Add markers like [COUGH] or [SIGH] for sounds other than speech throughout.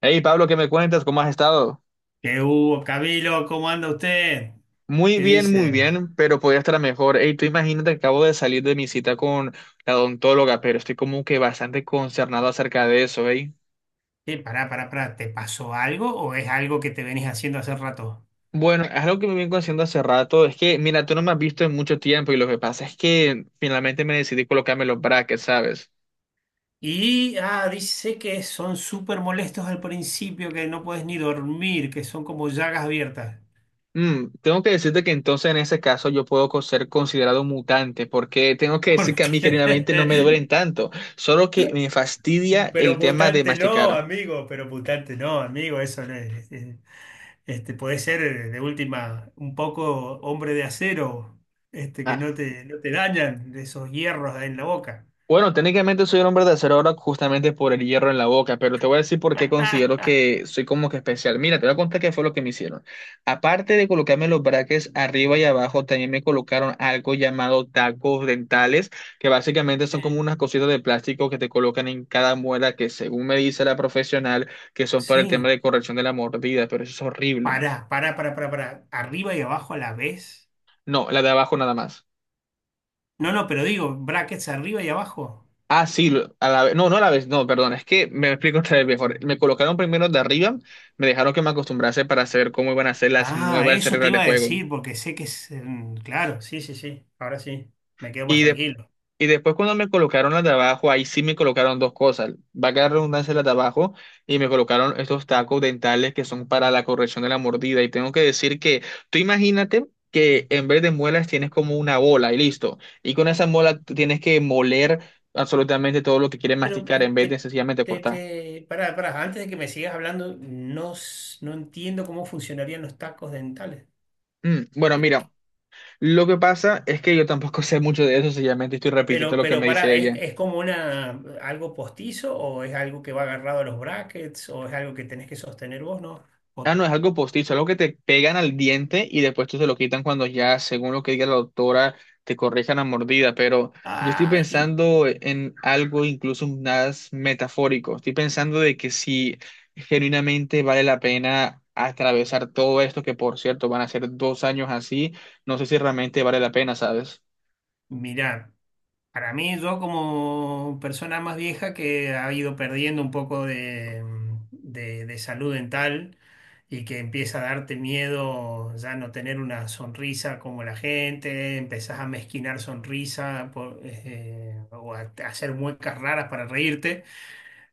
Hey Pablo, ¿qué me cuentas? ¿Cómo has estado? ¿Qué hubo, Camilo? ¿Cómo anda usted? ¿Qué Muy dice? bien, pero podría estar mejor. Hey, tú imagínate que acabo de salir de mi cita con la odontóloga, pero estoy como que bastante concernado acerca de eso, ¿eh? ¿Pará, ¿te pasó algo o es algo que te venís haciendo hace rato? Bueno, es algo que me vengo haciendo hace rato. Es que, mira, tú no me has visto en mucho tiempo y lo que pasa es que finalmente me decidí colocarme los brackets, ¿sabes? Y, ah, dice que son súper molestos al principio, que no puedes ni dormir, que son como llagas abiertas. Tengo que decirte que entonces en ese caso yo puedo ser considerado un mutante, porque tengo que [LAUGHS] ¿Por decir que a mí generalmente no me duelen tanto, solo que me fastidia Pero el tema de mutante no, masticar. amigo, pero mutante no, amigo, eso no es. Puede ser de última un poco hombre de acero, que no te dañan de esos hierros en la boca. Bueno, técnicamente soy el hombre de acero ahora justamente por el hierro en la boca, pero te voy a decir por qué considero [LAUGHS] que soy como que especial. Mira, te voy a contar qué fue lo que me hicieron. Aparte de colocarme los brackets arriba y abajo, también me colocaron algo llamado tacos dentales, que básicamente son como Sí, unas cositas de plástico que te colocan en cada muela, que según me dice la profesional, que son para el tema sí. de corrección de la mordida, pero eso es horrible. Pará. Arriba y abajo a la vez. No, la de abajo nada más. No, no, pero digo, brackets arriba y abajo. Ah, sí, a la vez. No, no a la vez, no, perdón, es que me explico otra vez mejor. Me colocaron primero de arriba, me dejaron que me acostumbrase para saber cómo iban a ser las Ah, nuevas eso te reglas de iba a juego. decir porque sé que Claro, sí, sí, sí. Ahora sí. Me quedo más Y, de- tranquilo. y después cuando me colocaron las de abajo, ahí sí me colocaron dos cosas. Va a quedar redundancia las de abajo y me colocaron estos tacos dentales que son para la corrección de la mordida. Y tengo que decir que tú imagínate que en vez de muelas tienes como una bola y listo. Y con esa bola tú tienes que moler absolutamente todo lo que quieres Pero masticar eh, en vez de te, sencillamente te, cortar. te- pará, pará. Antes de que me sigas hablando, no, no entiendo cómo funcionarían los tacos dentales. Bueno, Eh, mira, lo que pasa es que yo tampoco [LAUGHS] sé mucho de eso, sencillamente estoy repitiendo Pero, lo que me pará, dice ella. ¿es como una, algo postizo o es algo que va agarrado a los brackets o es algo que tenés que sostener vos, ¿no? Ah, no, es algo postizo, algo que te pegan al diente y después tú se lo quitan cuando ya, según lo que diga la doctora, te corrijan la mordida. Pero yo estoy Ay, qué- pensando en algo incluso más metafórico. Estoy pensando de que si genuinamente vale la pena atravesar todo esto, que por cierto van a ser 2 años así, no sé si realmente vale la pena, ¿sabes? mirá, para mí yo como persona más vieja que ha ido perdiendo un poco de, de salud dental y que empieza a darte miedo ya no tener una sonrisa como la gente, empezás a mezquinar sonrisa por, o a hacer muecas raras para reírte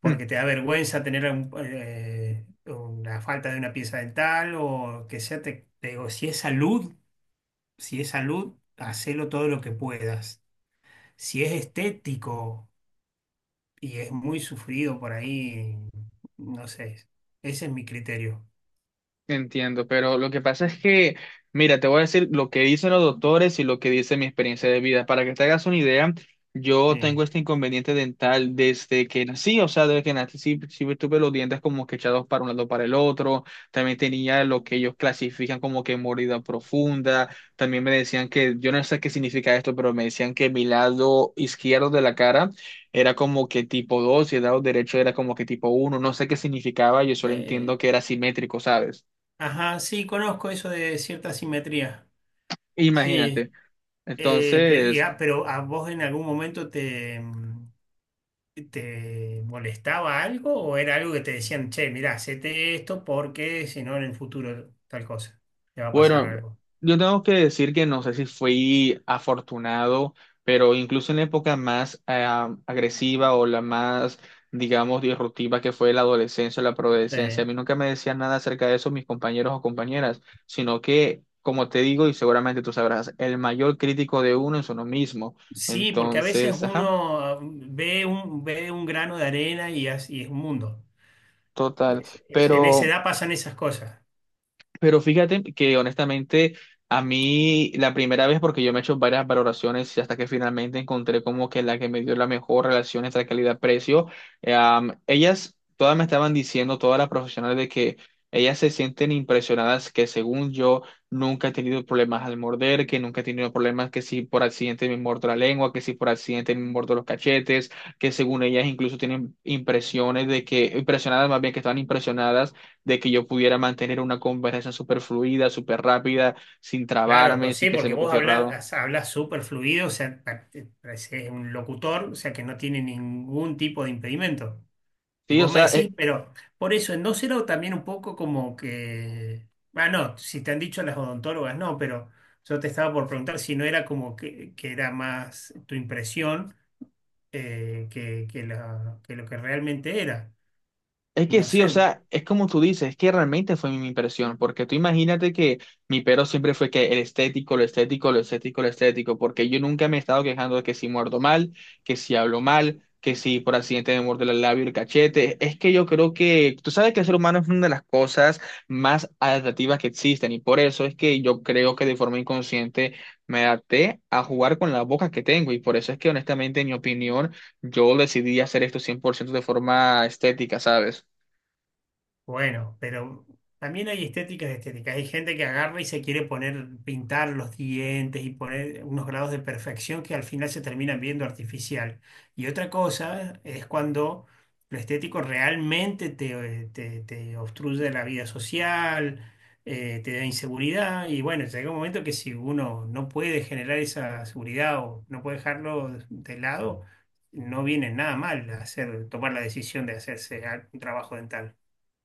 porque te da vergüenza tener una falta de una pieza dental o que sea, te digo, si es salud. Si es salud, hacelo todo lo que puedas. Si es estético y es muy sufrido por ahí, no sé. Ese es mi criterio. Entiendo, pero lo que pasa es que, mira, te voy a decir lo que dicen los doctores y lo que dice mi experiencia de vida. Para que te hagas una idea, yo Eh, tengo este inconveniente dental desde que nací, o sea, desde que nací sí, sí tuve los dientes como que echados para un lado para el otro. También tenía lo que ellos clasifican como que mordida profunda. También me decían que, yo no sé qué significa esto, pero me decían que mi lado izquierdo de la cara era como que tipo 2 y el lado derecho era como que tipo uno. No sé qué significaba, yo solo entiendo eh, que era simétrico, ¿sabes? ajá, sí, conozco eso de cierta simetría. Sí, Imagínate. Pero Entonces, ya, pero ¿a vos en algún momento te molestaba algo o era algo que te decían, che, mirá, hacete esto porque si no en el futuro tal cosa, te va a pasar bueno, algo? yo tengo que decir que no sé si fui afortunado, pero incluso en la época más agresiva o la más, digamos, disruptiva que fue la adolescencia o la preadolescencia, a Sí. mí nunca me decían nada acerca de eso mis compañeros o compañeras, sino que, como te digo, y seguramente tú sabrás, el mayor crítico de uno es uno mismo. Sí, porque a veces Entonces, ajá, uno ve un grano de arena y es un mundo. total. En esa Pero edad pasan esas cosas. Pero fíjate que honestamente a mí la primera vez, porque yo me he hecho varias valoraciones y hasta que finalmente encontré como que la que me dio la mejor relación entre calidad-precio, ellas todas me estaban diciendo, todas las profesionales, de que ellas se sienten impresionadas que según yo nunca he tenido problemas al morder, que nunca he tenido problemas que si por accidente me mordo la lengua, que si por accidente me mordo los cachetes, que según ellas incluso tienen impresiones de que, impresionadas más bien que estaban impresionadas de que yo pudiera mantener una conversación súper fluida, súper rápida, sin Claro, trabarme, pues sin sí, que se porque me vos pusiera raro. hablas, hablas súper fluido, o sea, pareces un locutor, o sea, que no tiene ningún tipo de impedimento. Y Sí, o vos me sea, decís, pero por eso, ¿no será también un poco como que... Ah, no, si te han dicho las odontólogas, no, pero yo te estaba por preguntar si no era como que era más tu impresión que que lo que realmente era. es que No sí, o sé. sea, es como tú dices, es que realmente fue mi impresión, porque tú imagínate que mi pero siempre fue que el estético, lo estético, lo estético, lo estético, porque yo nunca me he estado quejando de que si muerdo mal, que si hablo mal, que si por accidente me muerdo el labio, y el cachete. Es que yo creo que, tú sabes que el ser humano es una de las cosas más adaptativas que existen, y por eso es que yo creo que de forma inconsciente me adapté a jugar con la boca que tengo, y por eso es que honestamente, en mi opinión, yo decidí hacer esto 100% de forma estética, ¿sabes? Bueno, pero también hay estéticas de estéticas. Hay gente que agarra y se quiere poner, pintar los dientes y poner unos grados de perfección que al final se terminan viendo artificial. Y otra cosa es cuando lo estético realmente te obstruye la vida social, te da inseguridad. Y bueno, llega un momento que si uno no puede generar esa seguridad o no puede dejarlo de lado, no viene nada mal hacer, tomar la decisión de hacerse un trabajo dental.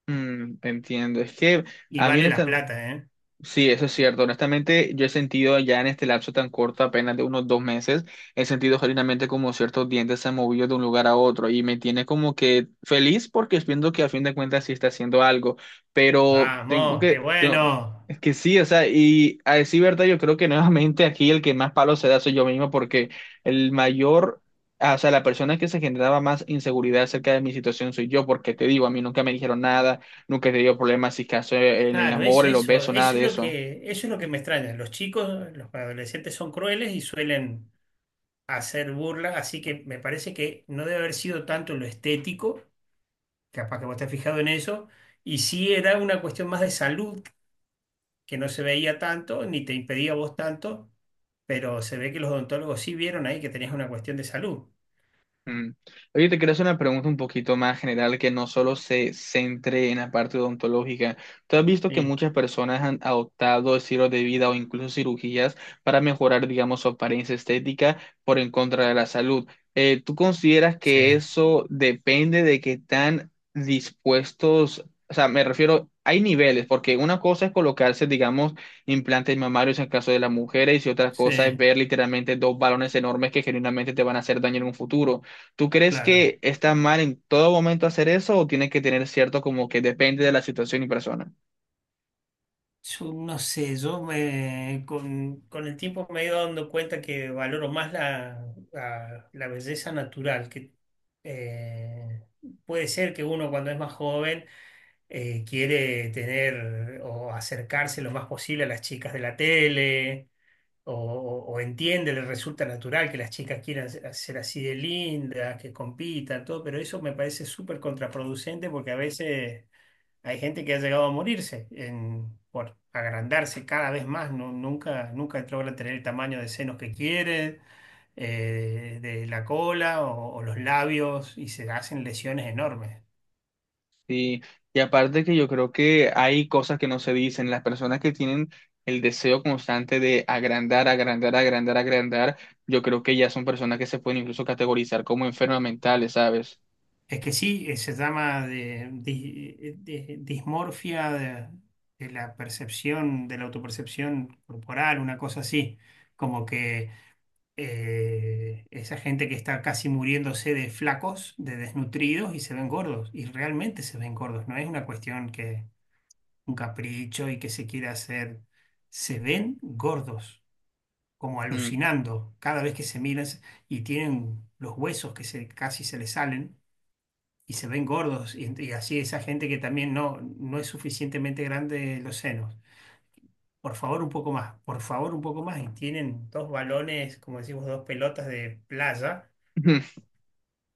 Te entiendo. Es que Y a mí, vale la honestamente, plata, ¿eh? sí, eso es cierto. Honestamente, yo he sentido ya en este lapso tan corto, apenas de unos 2 meses, he sentido genuinamente como ciertos dientes se han movido de un lugar a otro y me tiene como que feliz porque viendo que a fin de cuentas sí está haciendo algo. Pero Vamos, qué bueno. es que sí, o sea, y a decir verdad, yo creo que nuevamente aquí el que más palo se da soy yo mismo porque el mayor. O sea, la persona que se generaba más inseguridad acerca de mi situación soy yo, porque te digo, a mí nunca me dijeron nada, nunca he tenido problemas, si caso en el Claro, amor, eso, en los eso, besos, nada eso es de lo eso. Eso es lo que me extraña. Los chicos, los adolescentes son crueles y suelen hacer burla así que me parece que no debe haber sido tanto lo estético, capaz que vos te has fijado en eso, y sí era una cuestión más de salud, que no se veía tanto, ni te impedía a vos tanto, pero se ve que los odontólogos sí vieron ahí que tenías una cuestión de salud. Mm. Oye, te quiero hacer una pregunta un poquito más general que no solo se centre en la parte odontológica. ¿Tú has visto que Sí, muchas personas han adoptado estilos de vida o incluso cirugías para mejorar, digamos, su apariencia estética por en contra de la salud? ¿Tú consideras sí, que eso depende de qué tan dispuestos, o sea, me refiero, hay niveles, porque una cosa es colocarse, digamos, implantes mamarios en el caso de las mujeres y si otra cosa es sí, ver literalmente dos balones enormes que genuinamente te van a hacer daño en un futuro. ¿Tú crees claro. que está mal en todo momento hacer eso o tiene que tener cierto como que depende de la situación y persona? Yo no sé, con el tiempo me he ido dando cuenta que valoro más la, la belleza natural, que eh, puede ser que uno cuando es más joven quiere tener o acercarse lo más posible a las chicas de la tele, o entiende, le resulta natural que las chicas quieran ser ser así de lindas, que compitan, todo, pero eso me parece súper contraproducente porque a veces... Hay gente que ha llegado a morirse por agrandarse cada vez más, nunca logra tener el tamaño de senos que quiere, de la cola o los labios y se hacen lesiones enormes. Y, y aparte que yo creo que hay cosas que no se dicen. Las personas que tienen el deseo constante de agrandar, agrandar, agrandar, agrandar, yo creo que ya son personas que se pueden incluso categorizar como enfermas mentales, ¿sabes? Es que sí, se llama dismorfia de la percepción, de la autopercepción corporal, una cosa así, como que esa gente que está casi muriéndose de flacos, de desnutridos y se ven gordos. Y realmente se ven gordos. No es una cuestión que un capricho y que se quiera hacer. Se ven gordos, como Mm. alucinando cada vez que se y tienen los huesos casi se les salen. Y se ven gordos, y así esa gente que también no, no es suficientemente grande los senos. Por favor, un poco más, por favor, un poco más. Y tienen dos balones, como decimos, dos pelotas de playa [LAUGHS]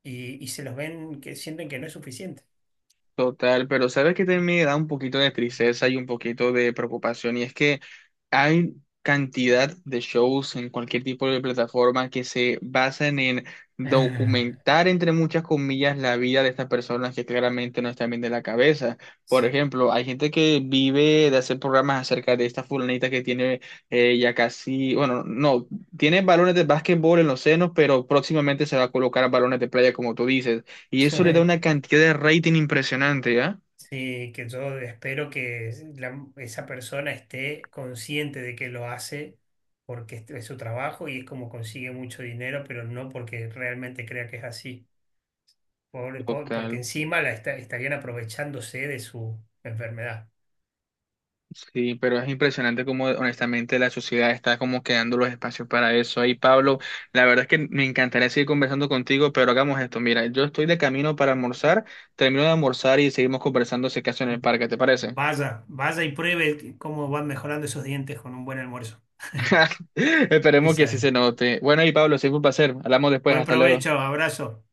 y se los ven que sienten que no es suficiente. [LAUGHS] Total, pero sabes que también me da un poquito de tristeza y un poquito de preocupación, y es que hay cantidad de shows en cualquier tipo de plataforma que se basan en Ah, documentar, entre muchas comillas, la vida de estas personas que claramente no están bien de la cabeza. Por sí. ejemplo, hay gente que vive de hacer programas acerca de esta fulanita que tiene ya casi, bueno, no, tiene balones de básquetbol en los senos, pero próximamente se va a colocar balones de playa, como tú dices. Y Sí, eso le da una cantidad de rating impresionante, ¿ya? sí, que yo espero que esa persona esté consciente de que lo hace porque este es su trabajo y es como consigue mucho dinero, pero no porque realmente crea que es así. Porque Total. encima estarían aprovechándose de su enfermedad. Sí, pero es impresionante cómo honestamente la sociedad está como quedando los espacios para eso. Ahí, Pablo, la verdad es que me encantaría seguir conversando contigo, pero hagamos esto. Mira, yo estoy de camino para almorzar, termino de almorzar y seguimos conversando si acaso en el parque, ¿te parece? Vaya, vaya y pruebe cómo van mejorando esos dientes con un buen almuerzo. [LAUGHS] Esperemos que así se Esa. note. Bueno, y Pablo, siempre un placer. Hablamos después, Buen hasta luego. provecho, abrazo.